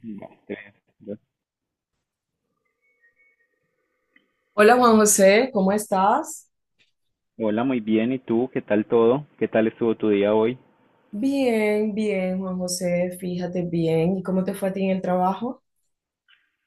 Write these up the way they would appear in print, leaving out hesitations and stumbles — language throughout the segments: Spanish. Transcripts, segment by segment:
Vale. Te veo. Hola Juan José, ¿cómo estás? Hola, muy bien. ¿Y tú? ¿Qué tal todo? ¿Qué tal estuvo tu día hoy? Bien, bien, Juan José, fíjate bien. ¿Y cómo te fue a ti en el trabajo?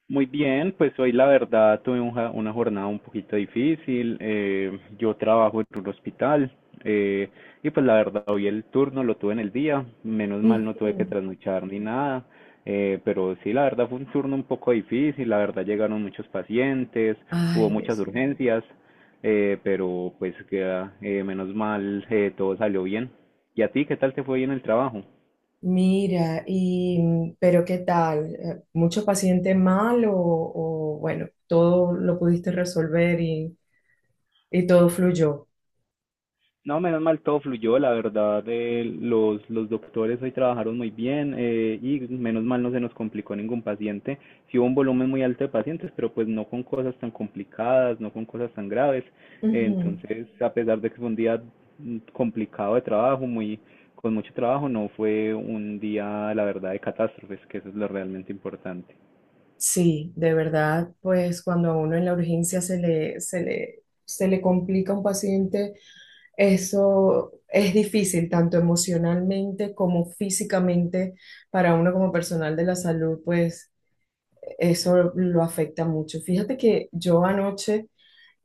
Muy bien, pues hoy la verdad tuve una jornada un poquito difícil. Yo trabajo en un hospital, eh, y pues la verdad hoy el turno lo tuve en el día. Menos mal no tuve que Ujú. trasnochar ni nada. Pero sí, la verdad fue un turno un poco difícil. La verdad llegaron muchos pacientes, hubo Ay, muchas Dios mío. urgencias, menos mal, todo salió bien. ¿Y a ti qué tal te fue hoy en el trabajo? Mira, y pero ¿qué tal? ¿Mucho paciente mal o bueno, todo lo pudiste resolver y todo fluyó? No, menos mal todo fluyó, la verdad. Los doctores hoy trabajaron muy bien, y menos mal no se nos complicó ningún paciente. Sí hubo un volumen muy alto de pacientes, pero pues no con cosas tan complicadas, no con cosas tan graves. Ujú. Entonces, a pesar de que fue un día complicado de trabajo, muy, con mucho trabajo, no fue un día, la verdad, de catástrofes, que eso es lo realmente importante. Sí, de verdad, pues cuando a uno en la urgencia se le complica un paciente. Eso es difícil, tanto emocionalmente como físicamente, para uno como personal de la salud, pues eso lo afecta mucho. Fíjate que yo anoche,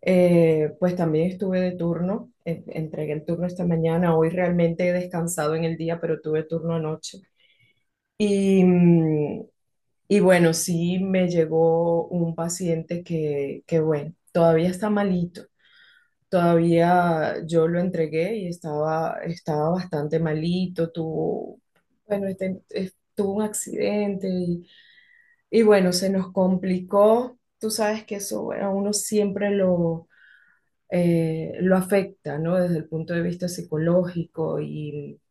pues también estuve de turno, entregué el turno esta mañana, hoy realmente he descansado en el día, pero tuve turno anoche. Y, y bueno, sí me llegó un paciente que bueno, todavía está malito. Todavía yo lo entregué y estaba bastante malito, tuvo, bueno, tuvo un accidente y bueno, se nos complicó. Tú sabes que eso, bueno, a uno siempre lo afecta, ¿no? Desde el punto de vista psicológico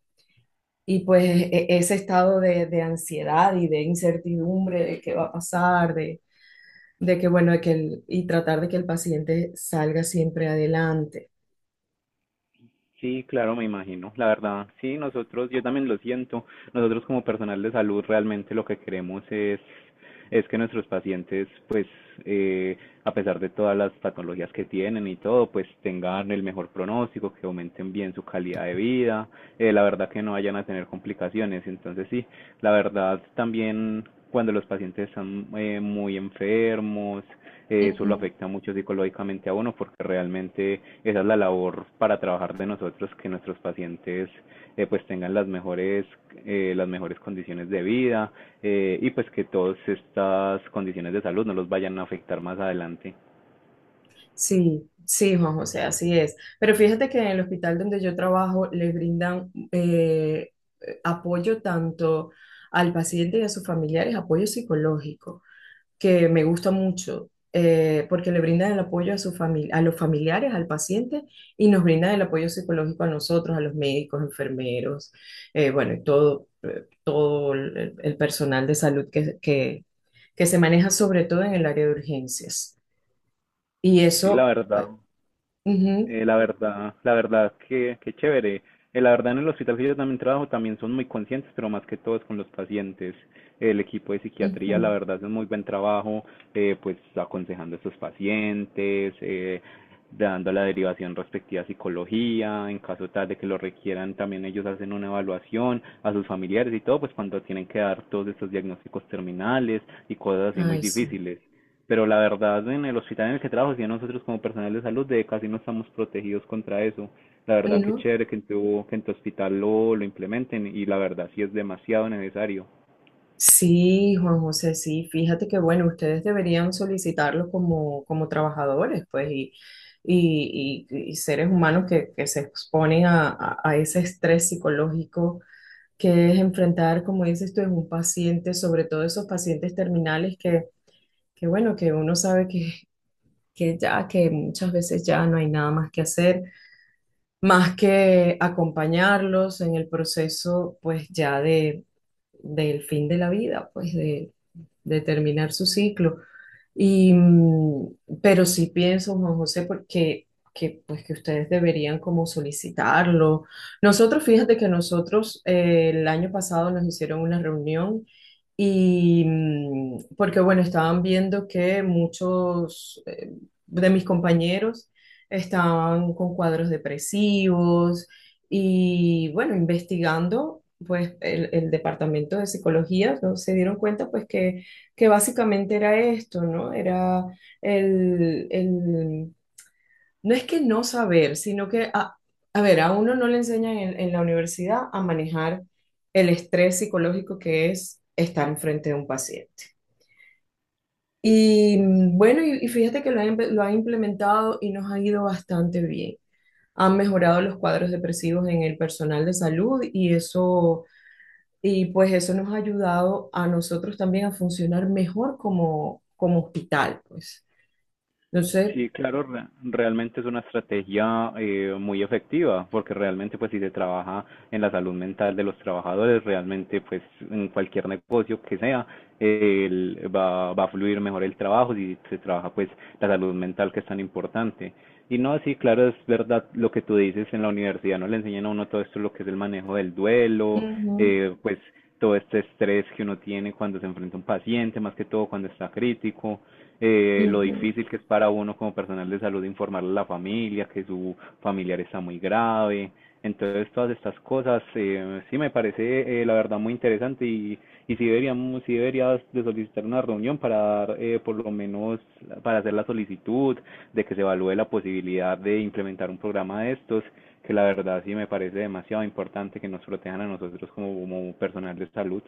y pues ese estado de ansiedad y de incertidumbre de qué va a pasar, de que, bueno, de que y tratar de que el paciente salga siempre adelante. Sí, claro, me imagino. La verdad, sí, nosotros, yo también lo siento. Nosotros como personal de salud realmente lo que queremos es que nuestros pacientes, pues, eh, a pesar de todas las patologías que tienen y todo, pues tengan el mejor pronóstico, que aumenten bien su calidad de vida, la verdad que no vayan a tener complicaciones. Entonces, sí, la verdad también cuando los pacientes están muy enfermos, eso lo Ujú. afecta mucho psicológicamente a uno porque realmente esa es la labor para trabajar de nosotros, que nuestros pacientes pues tengan las mejores condiciones de vida, y pues que todas estas condiciones de salud no los vayan a afectar más adelante. Sí, sí, Juan José, así es. Pero fíjate que en el hospital donde yo trabajo le brindan apoyo tanto al paciente y a sus familiares, apoyo psicológico, que me gusta mucho, porque le brindan el apoyo a los familiares, al paciente, y nos brindan el apoyo psicológico a nosotros, a los médicos, enfermeros, bueno, y todo, todo el personal de salud que, que se maneja sobre todo en el área de urgencias. Y Sí, la eso. verdad. Ujú, La verdad, la verdad que chévere. La verdad, en el hospital que yo también trabajo también son muy conscientes, pero más que todo es con los pacientes. El equipo de psiquiatría, la ujú. verdad, hace un muy buen trabajo, pues aconsejando a estos pacientes, dando la derivación respectiva a psicología, en caso tal de que lo requieran. También ellos hacen una evaluación a sus familiares y todo, pues cuando tienen que dar todos estos diagnósticos terminales y cosas así muy Ay, sí. difíciles. Pero la verdad, en el hospital en el que trabajo, si nosotros como personal de salud de casi no estamos protegidos contra eso. La verdad, que ¿No? chévere que en tu hospital lo implementen, y la verdad sí es demasiado necesario. Sí, Juan José, sí. Fíjate que, bueno, ustedes deberían solicitarlo como, como trabajadores, pues, y, y seres humanos que se exponen a ese estrés psicológico que es enfrentar, como dices tú, es un paciente, sobre todo esos pacientes terminales que bueno, que uno sabe que ya, que muchas veces ya no hay nada más que hacer más que acompañarlos en el proceso, pues ya de, del fin de la vida, pues de terminar su ciclo. Y, pero sí pienso, Juan José, porque que, pues que ustedes deberían como solicitarlo. Nosotros, fíjate que nosotros el año pasado nos hicieron una reunión y porque bueno, estaban viendo que muchos de mis compañeros, estaban con cuadros depresivos y bueno, investigando, pues el departamento de psicología, ¿no? Se dieron cuenta pues que básicamente era esto, ¿no? Era el, el- no es que no saber, sino que, a ver, a uno no le enseñan en la universidad a manejar el estrés psicológico que es estar enfrente de un paciente. Y bueno, y fíjate que lo ha implementado y nos ha ido bastante bien, han mejorado los cuadros depresivos en el personal de salud y eso, y pues eso nos ha ayudado a nosotros también a funcionar mejor como, como hospital, pues. Entonces, Sí, claro, realmente es una estrategia muy efectiva, porque realmente pues si se trabaja en la salud mental de los trabajadores, realmente pues en cualquier negocio que sea, va, va a fluir mejor el trabajo si se trabaja pues la salud mental, que es tan importante. Y no, sí, claro, es verdad lo que tú dices, en la universidad no le enseñan a uno todo esto, lo que es el manejo del duelo, ujú, pues todo este estrés que uno tiene cuando se enfrenta a un paciente, más que todo cuando está crítico, lo ujú. difícil que es para uno como personal de salud informarle a la familia que su familiar está muy grave. Entonces, todas estas cosas, sí me parece, la verdad, muy interesante. Y y sí, deberíamos, sí deberías de solicitar una reunión para dar, por lo menos, para hacer la solicitud de que se evalúe la posibilidad de implementar un programa de estos, que la verdad sí me parece demasiado importante que nos protejan a nosotros como, como personal de salud.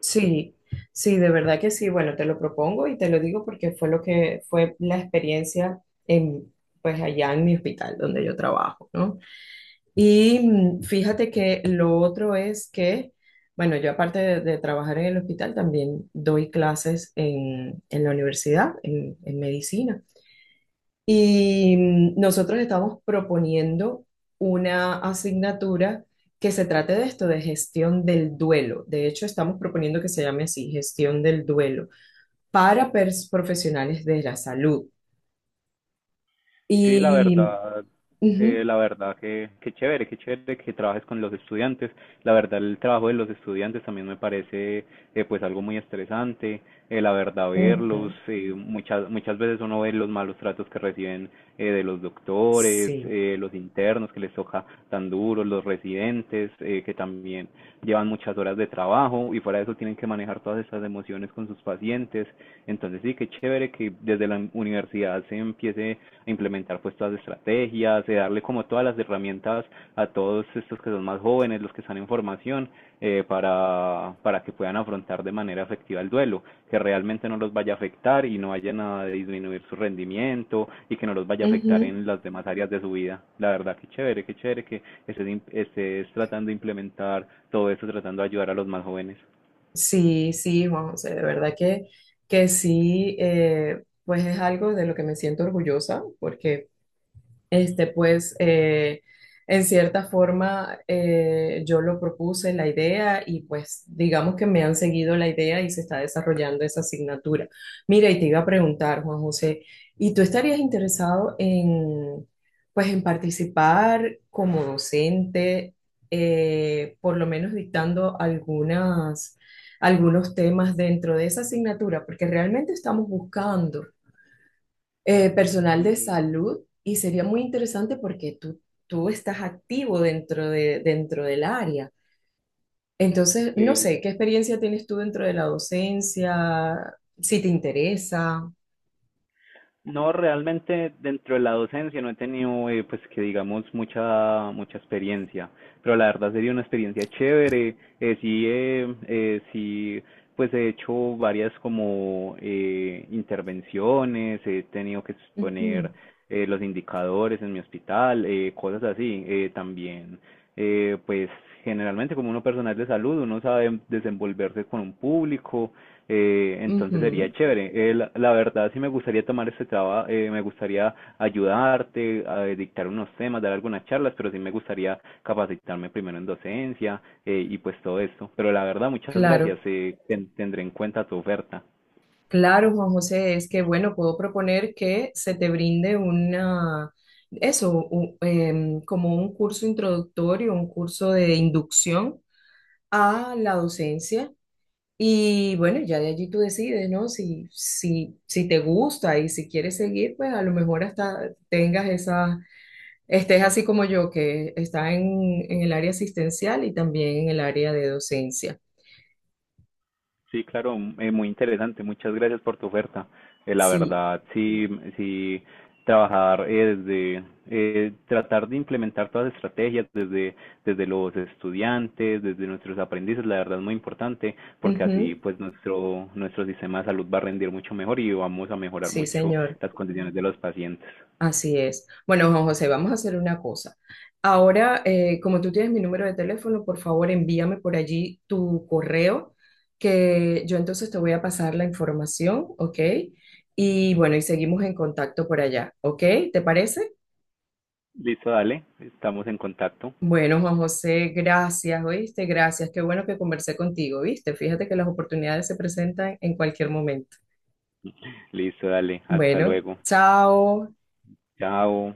Sí, sí, de verdad que sí. Bueno, te lo propongo y te lo digo porque fue lo que fue la experiencia en, pues allá en mi hospital donde yo trabajo, ¿no? Y fíjate que lo otro es que, bueno, yo aparte de trabajar en el hospital, también doy clases en la universidad, en medicina. Y nosotros estamos proponiendo una asignatura que se trate de esto, de gestión del duelo. De hecho, estamos proponiendo que se llame así, gestión del duelo, para profesionales de la salud. Sí, Y, ujú, la verdad que chévere, que chévere que trabajes con los estudiantes. La verdad, el trabajo de los estudiantes también me parece pues algo muy estresante. La verdad, verlos, ujú, muchas, muchas veces uno ve los malos tratos que reciben de los doctores, sí. Los internos, que les toca tan duros, los residentes, que también llevan muchas horas de trabajo y fuera de eso tienen que manejar todas estas emociones con sus pacientes. Entonces sí, qué chévere que desde la universidad se empiece a implementar pues todas las estrategias, de darle como todas las herramientas a todos estos que son más jóvenes, los que están en formación, para que puedan afrontar de manera efectiva el duelo, que realmente no los vaya a afectar y no vayan a disminuir su rendimiento, y que no los vaya a afectar Ujú. en las demás áreas de su vida. La verdad, qué chévere que estés, estés tratando de implementar todo esto, tratando de ayudar a los más jóvenes. Sí, sí, Juan José, de verdad que sí, pues es algo de lo que me siento orgullosa, porque este, pues, en cierta forma, yo lo propuse la idea y pues digamos que me han seguido la idea y se está desarrollando esa asignatura. Mira, y te iba a preguntar, Juan José, ¿y tú estarías interesado en, pues, en participar como docente, por lo menos dictando algunas, algunos temas dentro de esa asignatura? Porque realmente estamos buscando personal de Eh, salud y sería muy interesante porque tú estás activo dentro de, dentro del área. Entonces, no eh, sé, ¿qué experiencia tienes tú dentro de la docencia? Si te interesa. No, realmente dentro de la docencia no he tenido, pues que digamos, mucha, mucha experiencia, pero la verdad sería una experiencia chévere. Sí, pues he hecho varias como intervenciones, he tenido que exponer Ujú, los indicadores en mi hospital, cosas así. También, pues generalmente como uno personal de salud, uno sabe desenvolverse con un público, entonces sería ujú. chévere. La, la verdad, sí me gustaría tomar este trabajo, me gustaría ayudarte, a dictar unos temas, dar algunas charlas, pero sí me gustaría capacitarme primero en docencia, y pues todo esto. Pero la verdad, muchas gracias, Claro, tendré en cuenta tu oferta. claro, Juan José, es que bueno, puedo proponer que se te brinde una, eso, como un curso introductorio, un curso de inducción a la docencia. Y bueno, ya de allí tú decides, ¿no? Si te gusta y si quieres seguir, pues a lo mejor hasta tengas esa, estés así como yo, que está en el área asistencial y también en el área de docencia. Sí, claro, muy interesante. Muchas gracias por tu oferta. La Sí, verdad, sí, sí, trabajar desde, tratar de implementar todas las estrategias desde, desde los estudiantes, desde nuestros aprendices, la verdad es muy importante, porque así ujú, pues nuestro, nuestro sistema de salud va a rendir mucho mejor y vamos a mejorar sí, mucho señor. las condiciones de los pacientes. Así es. Bueno, Juan José, vamos a hacer una cosa. Ahora, como tú tienes mi número de teléfono, por favor envíame por allí tu correo, que yo entonces te voy a pasar la información, ¿ok? Y bueno, y seguimos en contacto por allá, ¿ok? ¿Te parece? Listo, dale, estamos en contacto. Bueno, Juan José, gracias, ¿oíste? Gracias. Qué bueno que conversé contigo, ¿viste? Fíjate que las oportunidades se presentan en cualquier momento. Listo, dale, hasta Bueno, luego. chao. Chao.